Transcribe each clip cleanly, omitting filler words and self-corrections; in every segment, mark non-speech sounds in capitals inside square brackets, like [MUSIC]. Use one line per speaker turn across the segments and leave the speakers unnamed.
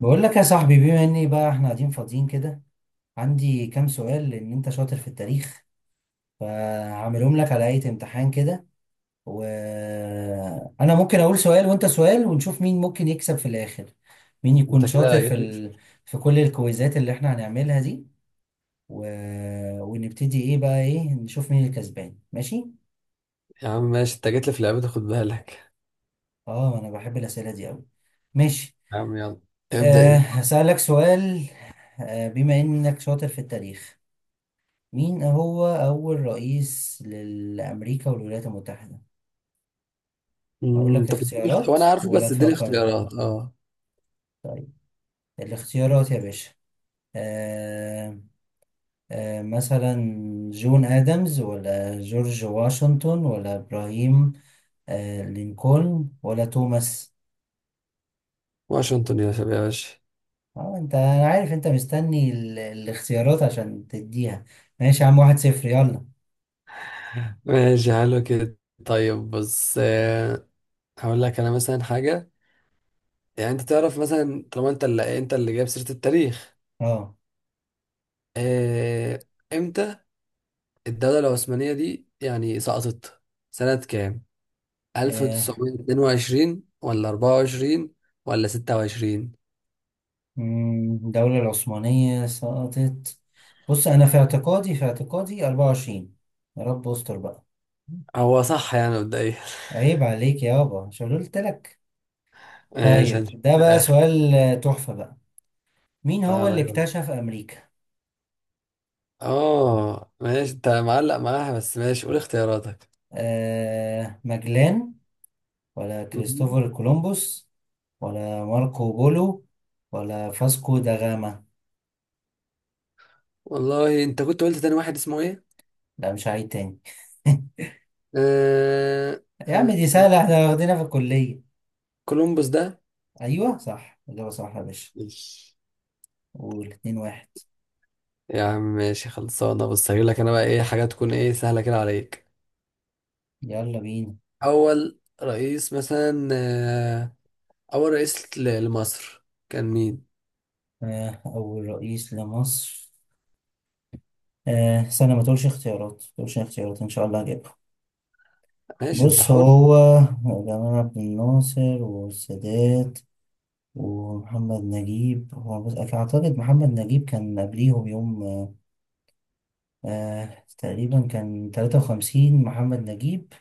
بقول لك يا صاحبي، بما اني بقى احنا قاعدين فاضيين كده. عندي كام سؤال لان انت شاطر في التاريخ، فهعملهم لك على هيئة امتحان كده. وانا ممكن اقول سؤال وانت سؤال، ونشوف مين ممكن يكسب في الاخر. مين يكون
انت
شاطر
كده جيت لي في...
في كل الكويزات اللي احنا هنعملها دي. و... ونبتدي ايه، نشوف مين الكسبان. ماشي.
يا عم، ماشي، انت جيت لي في لعبتي، خد بالك.
اه، انا بحب الاسئلة دي قوي. ماشي.
يا عم يلا، ابدأ انت.
هسألك سؤال. بما انك شاطر في التاريخ، مين هو أول رئيس لأمريكا والولايات المتحدة؟ أقول لك
طب اديني
اختيارات
وانا عارفه،
ولا
بس اديني
تفكر؟
اختيارات اه.
طيب، الاختيارات يا باشا. آه. مثلا جون آدمز، ولا جورج واشنطن، ولا إبراهيم لينكولن، ولا توماس؟
واشنطن يا شباب، يا باشا.
اه، انا عارف انت مستني الاختيارات عشان تديها. ماشي يا عم، 1-0، يلا.
[LAUGHS] ماشي، حلو كده. طيب بص، هقول لك انا مثلا حاجة. يعني انت تعرف مثلا، طالما انت اللي جايب سيرة التاريخ.
اه.
آه، امتى الدولة العثمانية دي يعني سقطت؟ سنة كام؟
آه.
1922 ولا 24 ولا 26؟
الدولة العثمانية سقطت. بص، أنا في اعتقادي 24. يا رب استر بقى.
هو صح يعني مبدئيا. [LAUGHS]
عيب عليك يابا، مش أنا قلت لك؟
ماشي،
طيب
هنشوف
ده
في
بقى
الآخر.
سؤال تحفة بقى. مين هو
تعالى
اللي
يلا.
اكتشف أمريكا؟
اه ماشي، انت معلق معاها، بس ماشي قول اختياراتك.
ماجلان، ولا
مم.
كريستوفر كولومبوس، ولا ماركو بولو، ولا فاسكو دا غاما؟
والله انت كنت قلت تاني واحد اسمه ايه؟
لا، مش عيد تاني. [LAUGHS]
آه...
يا عم
آه...
دي سهلة، احنا واخدينها في الكلية.
كولومبوس ده.
أيوه صح، إجابة صح يا باشا.
ماشي
قول، 2-1.
يا عم، ماشي خلصانة. بص هجيب لك انا بقى ايه حاجة تكون ايه سهلة كده عليك.
يلا بينا.
أول رئيس مثلا، أول رئيس لمصر كان مين؟
أول رئيس لمصر. استنى، ما تقولش اختيارات، ما تقولش اختيارات، إن شاء الله هجيبها.
ماشي، انت
بص،
حر.
هو جمال عبد الناصر والسادات ومحمد نجيب. هو بص أعتقد محمد نجيب كان قبليهم بيوم. تقريبا كان 53 محمد نجيب،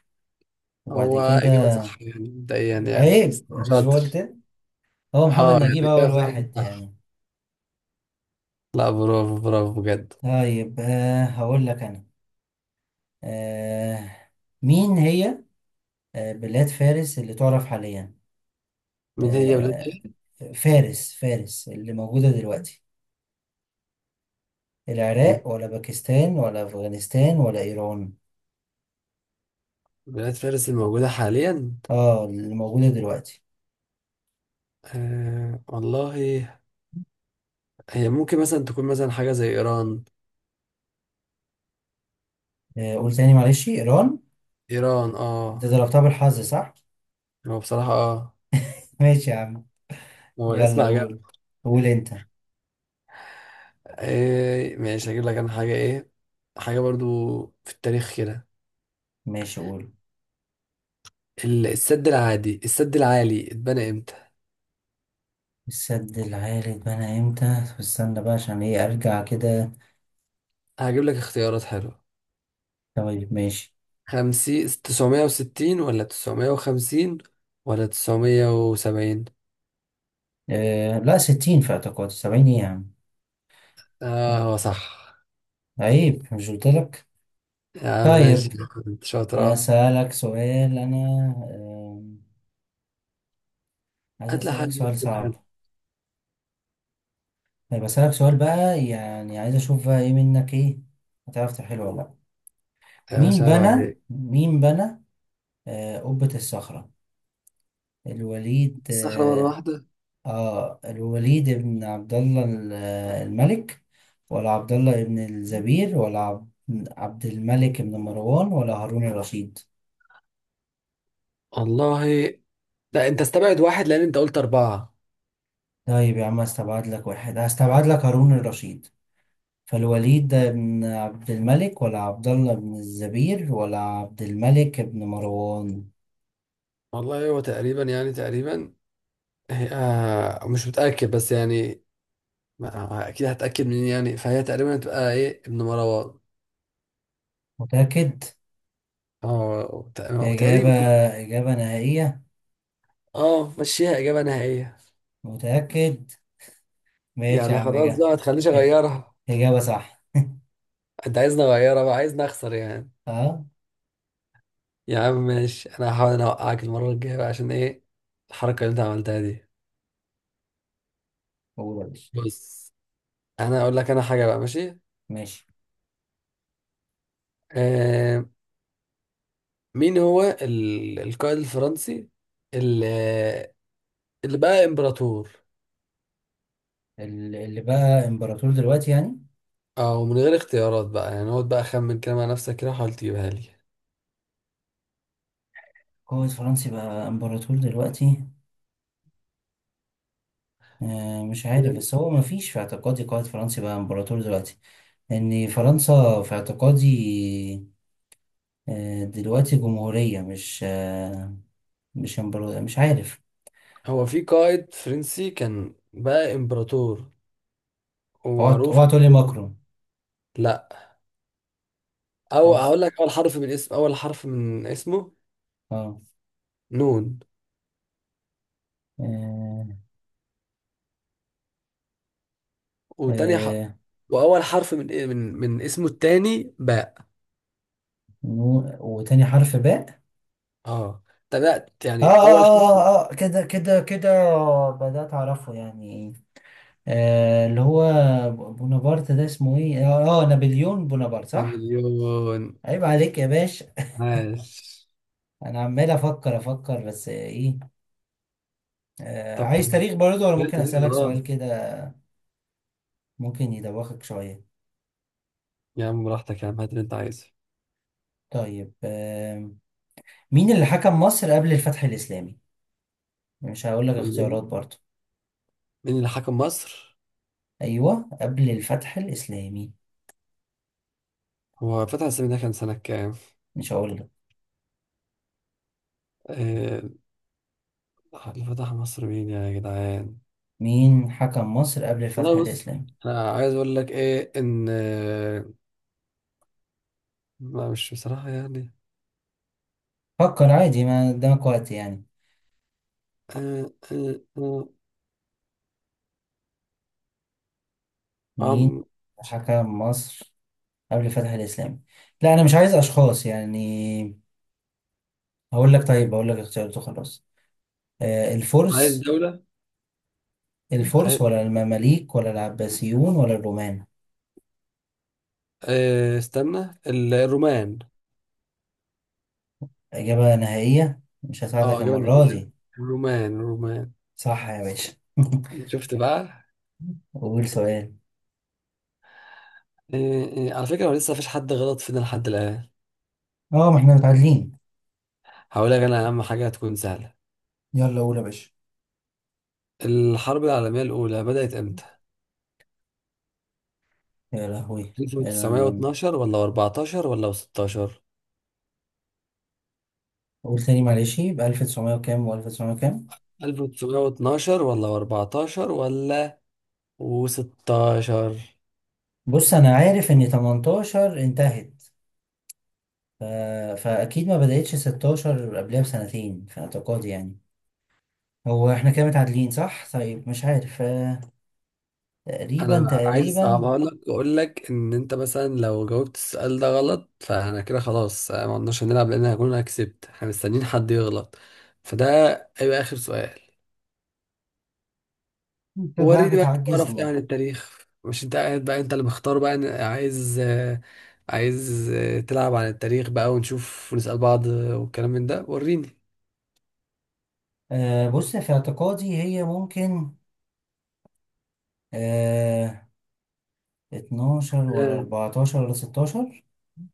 وبعد
هو إجابة
كده.
صح يعني مبدئيا يعني، بس
عيب،
انت
مش
شاطر.
قلت؟ هو محمد
اه يعني
نجيب أول
إجابة فعلا
واحد
صح.
يعني.
لا، برافو برافو بجد.
طيب، هقول لك أنا. آه. مين هي بلاد فارس اللي تعرف حاليا؟
من هي بلاد
آه،
ايه؟
فارس، فارس اللي موجودة دلوقتي.
مم.
العراق، ولا باكستان، ولا أفغانستان، ولا إيران؟
بلاد فارس الموجودة حاليا.
اه، اللي موجودة دلوقتي.
والله، هي ممكن مثلا تكون مثلا حاجة زي ايران.
قول تاني معلش. إيران.
ايران
انت
اه.
ضربتها بالحظ صح؟
هو بصراحة اه.
[LAUGHS] ماشي يا عم.
هو الاسم
يلا
عجبني.
قول. قول انت.
ماشي، هجيب لك انا حاجة ايه. حاجة برضو في التاريخ كده.
ماشي قول.
السد العالي اتبنى امتى؟
السد العالي اتبنى امتى؟ طب استنى بقى، عشان ايه ارجع كده.
هجيب لك اختيارات حلوة.
طيب ماشي.
960، ولا 950، ولا 970.
لا، 60 في اعتقادي، 70 ايه يا عم.
اه هو صح.
عيب، مش قلتلك؟
يا عم ماشي،
طيب
كنت شاطر.
هسألك سؤال أنا. آم، عايز
هات لي
أسألك
حاجة
سؤال
تكون حلوة.
صعب. طيب أسألك سؤال بقى، يعني عايز أشوف بقى إيه منك، إيه، هتعرف تحله ولا لأ.
يا
مين
باشا عيب
بنى
عليك.
مين بنى قبة الصخرة؟ الوليد
الصخرة مرة
آه
واحدة.
الوليد ابن عبد الله الملك، ولا عبد الله ابن الزبير، ولا عبد الملك ابن مروان، ولا هارون الرشيد؟
والله، لا انت استبعد واحد لان انت قلت اربعة.
طيب يا عم هستبعد لك واحد، هستبعد لك هارون الرشيد. فالوليد ده بن عبد الملك، ولا عبد الله بن الزبير، ولا عبد الملك بن مروان؟
والله هو تقريبا يعني تقريبا. هي مش متأكد بس يعني. اكيد هتأكد منين يعني، فهي تقريبا هتبقى ايه ابن مروان.
متأكد؟
اه
إجابة؟
تقريبا.
إجابة نهائية؟
اه مشيها اجابة نهائية.
متأكد؟ ماشي يا
يعني
عم،
خلاص
إجابة.
بقى، ما تخليش
[LAUGHS]
اغيرها.
إجابة صح.
انت عايزني اغيرها بقى؟ عايزني اخسر يعني؟
أه.
يا عم ماشي، انا هحاول انا اوقعك المرة الجاية بقى، عشان ايه؟ الحركة اللي انت عملتها دي.
هو ده.
بص، انا اقول لك انا حاجه بقى، ماشي.
ماشي.
آه مين هو القائد الفرنسي اللي اللي بقى امبراطور؟
اللي بقى إمبراطور دلوقتي يعني؟
او من غير اختيارات بقى يعني، اقعد بقى اخمن كده مع نفسك كده، حاول تجيبها لي.
قائد فرنسي بقى إمبراطور دلوقتي؟ مش عارف،
يعني
بس هو مفيش في اعتقادي قائد فرنسي بقى إمبراطور دلوقتي. لأن فرنسا في اعتقادي دلوقتي جمهورية، مش مش مش عارف.
هو في قائد فرنسي كان بقى امبراطور
اوعى،
ومعروف.
اوعى تقولي ماكرون.
لا، او
كويس.
اقول لك اول حرف من اسمه.
اه.
نون.
آه.
وتاني ح...
آه،
واول حرف من إيه، من من اسمه التاني باء.
وتاني حرف باء.
اه تبعت
اه،
يعني
اه،
اول حرف.
اه، اه، كده، كده، كده. بدأت أعرفه يعني. اللي هو بونابرت ده اسمه ايه، نابليون بونابرت صح.
نابليون.
عيب عليك يا باشا.
عاش.
انا عمال افكر، افكر بس ايه.
طب
عايز تاريخ برضه، ولا
جبت
ممكن
دي
اسألك
خلاص.
سؤال كده؟ ممكن يدوخك شوية.
يا عم براحتك، يا عم هات اللي انت عايزه.
طيب، مين اللي حكم مصر قبل الفتح الإسلامي؟ مش هقول لك
مين
اختيارات
اللي
برضه.
مين اللي حكم مصر؟
أيوه، قبل الفتح الإسلامي.
هو فتح السيمي ده كان سنة كام؟
مش هقول لك.
آه، اللي فتح مصر مين يا جدعان؟
مين حكم مصر قبل الفتح
والله بص،
الإسلامي؟
أنا عايز أقول لك إيه إن ما مش بصراحة يعني.
فكر عادي، ما قدامك وقت يعني.
آه، آه، آه،
مين
عم، مش-
حكم مصر قبل الفتح الإسلامي؟ لا، أنا مش عايز أشخاص يعني. هقول لك طيب هقول لك اختيارات وخلاص.
عايز
الفرس
دولة. آه،
الفرس، ولا المماليك، ولا العباسيون، ولا الرومان؟
استنى الرومان.
إجابة نهائية، مش
اه
هساعدك
إجابة
المرة
نهائية،
دي.
الرومان الرومان.
صح يا باشا.
شفت بقى؟
[LAUGHS] قول سؤال.
إيه إيه، على فكرة، هو لسه مفيش حد غلط فينا لحد الآن.
اه، ما احنا متعادلين.
هقولك أنا، أهم حاجة هتكون سهلة.
يلا قول يا باشا.
الحرب العالمية الأولى بدأت إمتى؟
يا لهوي يلا.
1912 ولا 14 ولا 16؟
قول تاني معلش، يبقى 1900 وكام و1900 وكام.
1912 ولا 14 ولا 16.
بص انا عارف ان 18 انتهت. ف... فاكيد ما بدأتش 16، قبلها بسنتين في اعتقادي يعني. هو احنا كده متعادلين صح؟ طيب مش عارف، تقريبا،
أنا عايز
تقريبا.
أصعبها لك وأقول لك إن أنت مثلا لو جاوبت السؤال ده غلط، فأنا كده خلاص، ما قلناش هنلعب، لأن هكون أنا كسبت. إحنا مستنيين حد يغلط، فده هيبقى آخر سؤال.
انت بقى
وريني بقى تعرف ايه
بتعجزني.
عن التاريخ. مش انت قاعد بقى، انت اللي مختار بقى عايز، عايز تلعب عن التاريخ بقى، ونشوف ونسأل بعض، والكلام من ده. وريني.
بص في اعتقادي هي ممكن آه 12 ولا
آه،
14 ولا 16.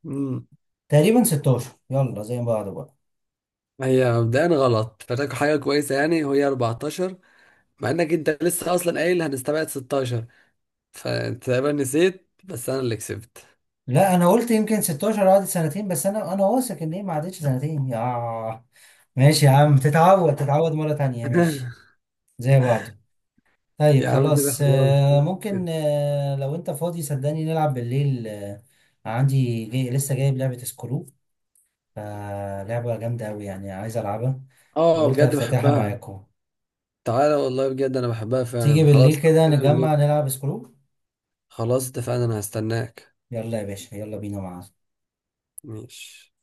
مم.
تقريبا 16، يلا زي بعض بقى.
هي مبدئيا غلط، فاكر حاجة كويسة يعني، وهي 14. مع انك انت لسه اصلا قايل هنستبعد 16، فانت تقريبا نسيت، بس انا اللي كسبت.
لا، انا قلت يمكن 16 قعدت سنتين، بس انا واثق ان هي ما عدتش سنتين يا. ماشي يا عم، تتعود مرة تانية. ماشي،
[LAUGHS]
زي بعضه. طيب
يا عم كده
خلاص،
خلاص.
ممكن لو انت فاضي صدقني نلعب بالليل عندي جاي لسه جايب لعبة سكرو، فلعبة جامدة أوي يعني عايز ألعبها،
اه
وقلت
بجد
أفتتحها
بحبها.
معاكم.
تعالى والله، بجد انا بحبها
تيجي
فعلا
بالليل
خلاص.
كده
كده بالليل.
نجمع نلعب سكرو.
خلاص اتفقنا، انا هستناك.
يلا يا باشا، يلا بينا مع
ماشي.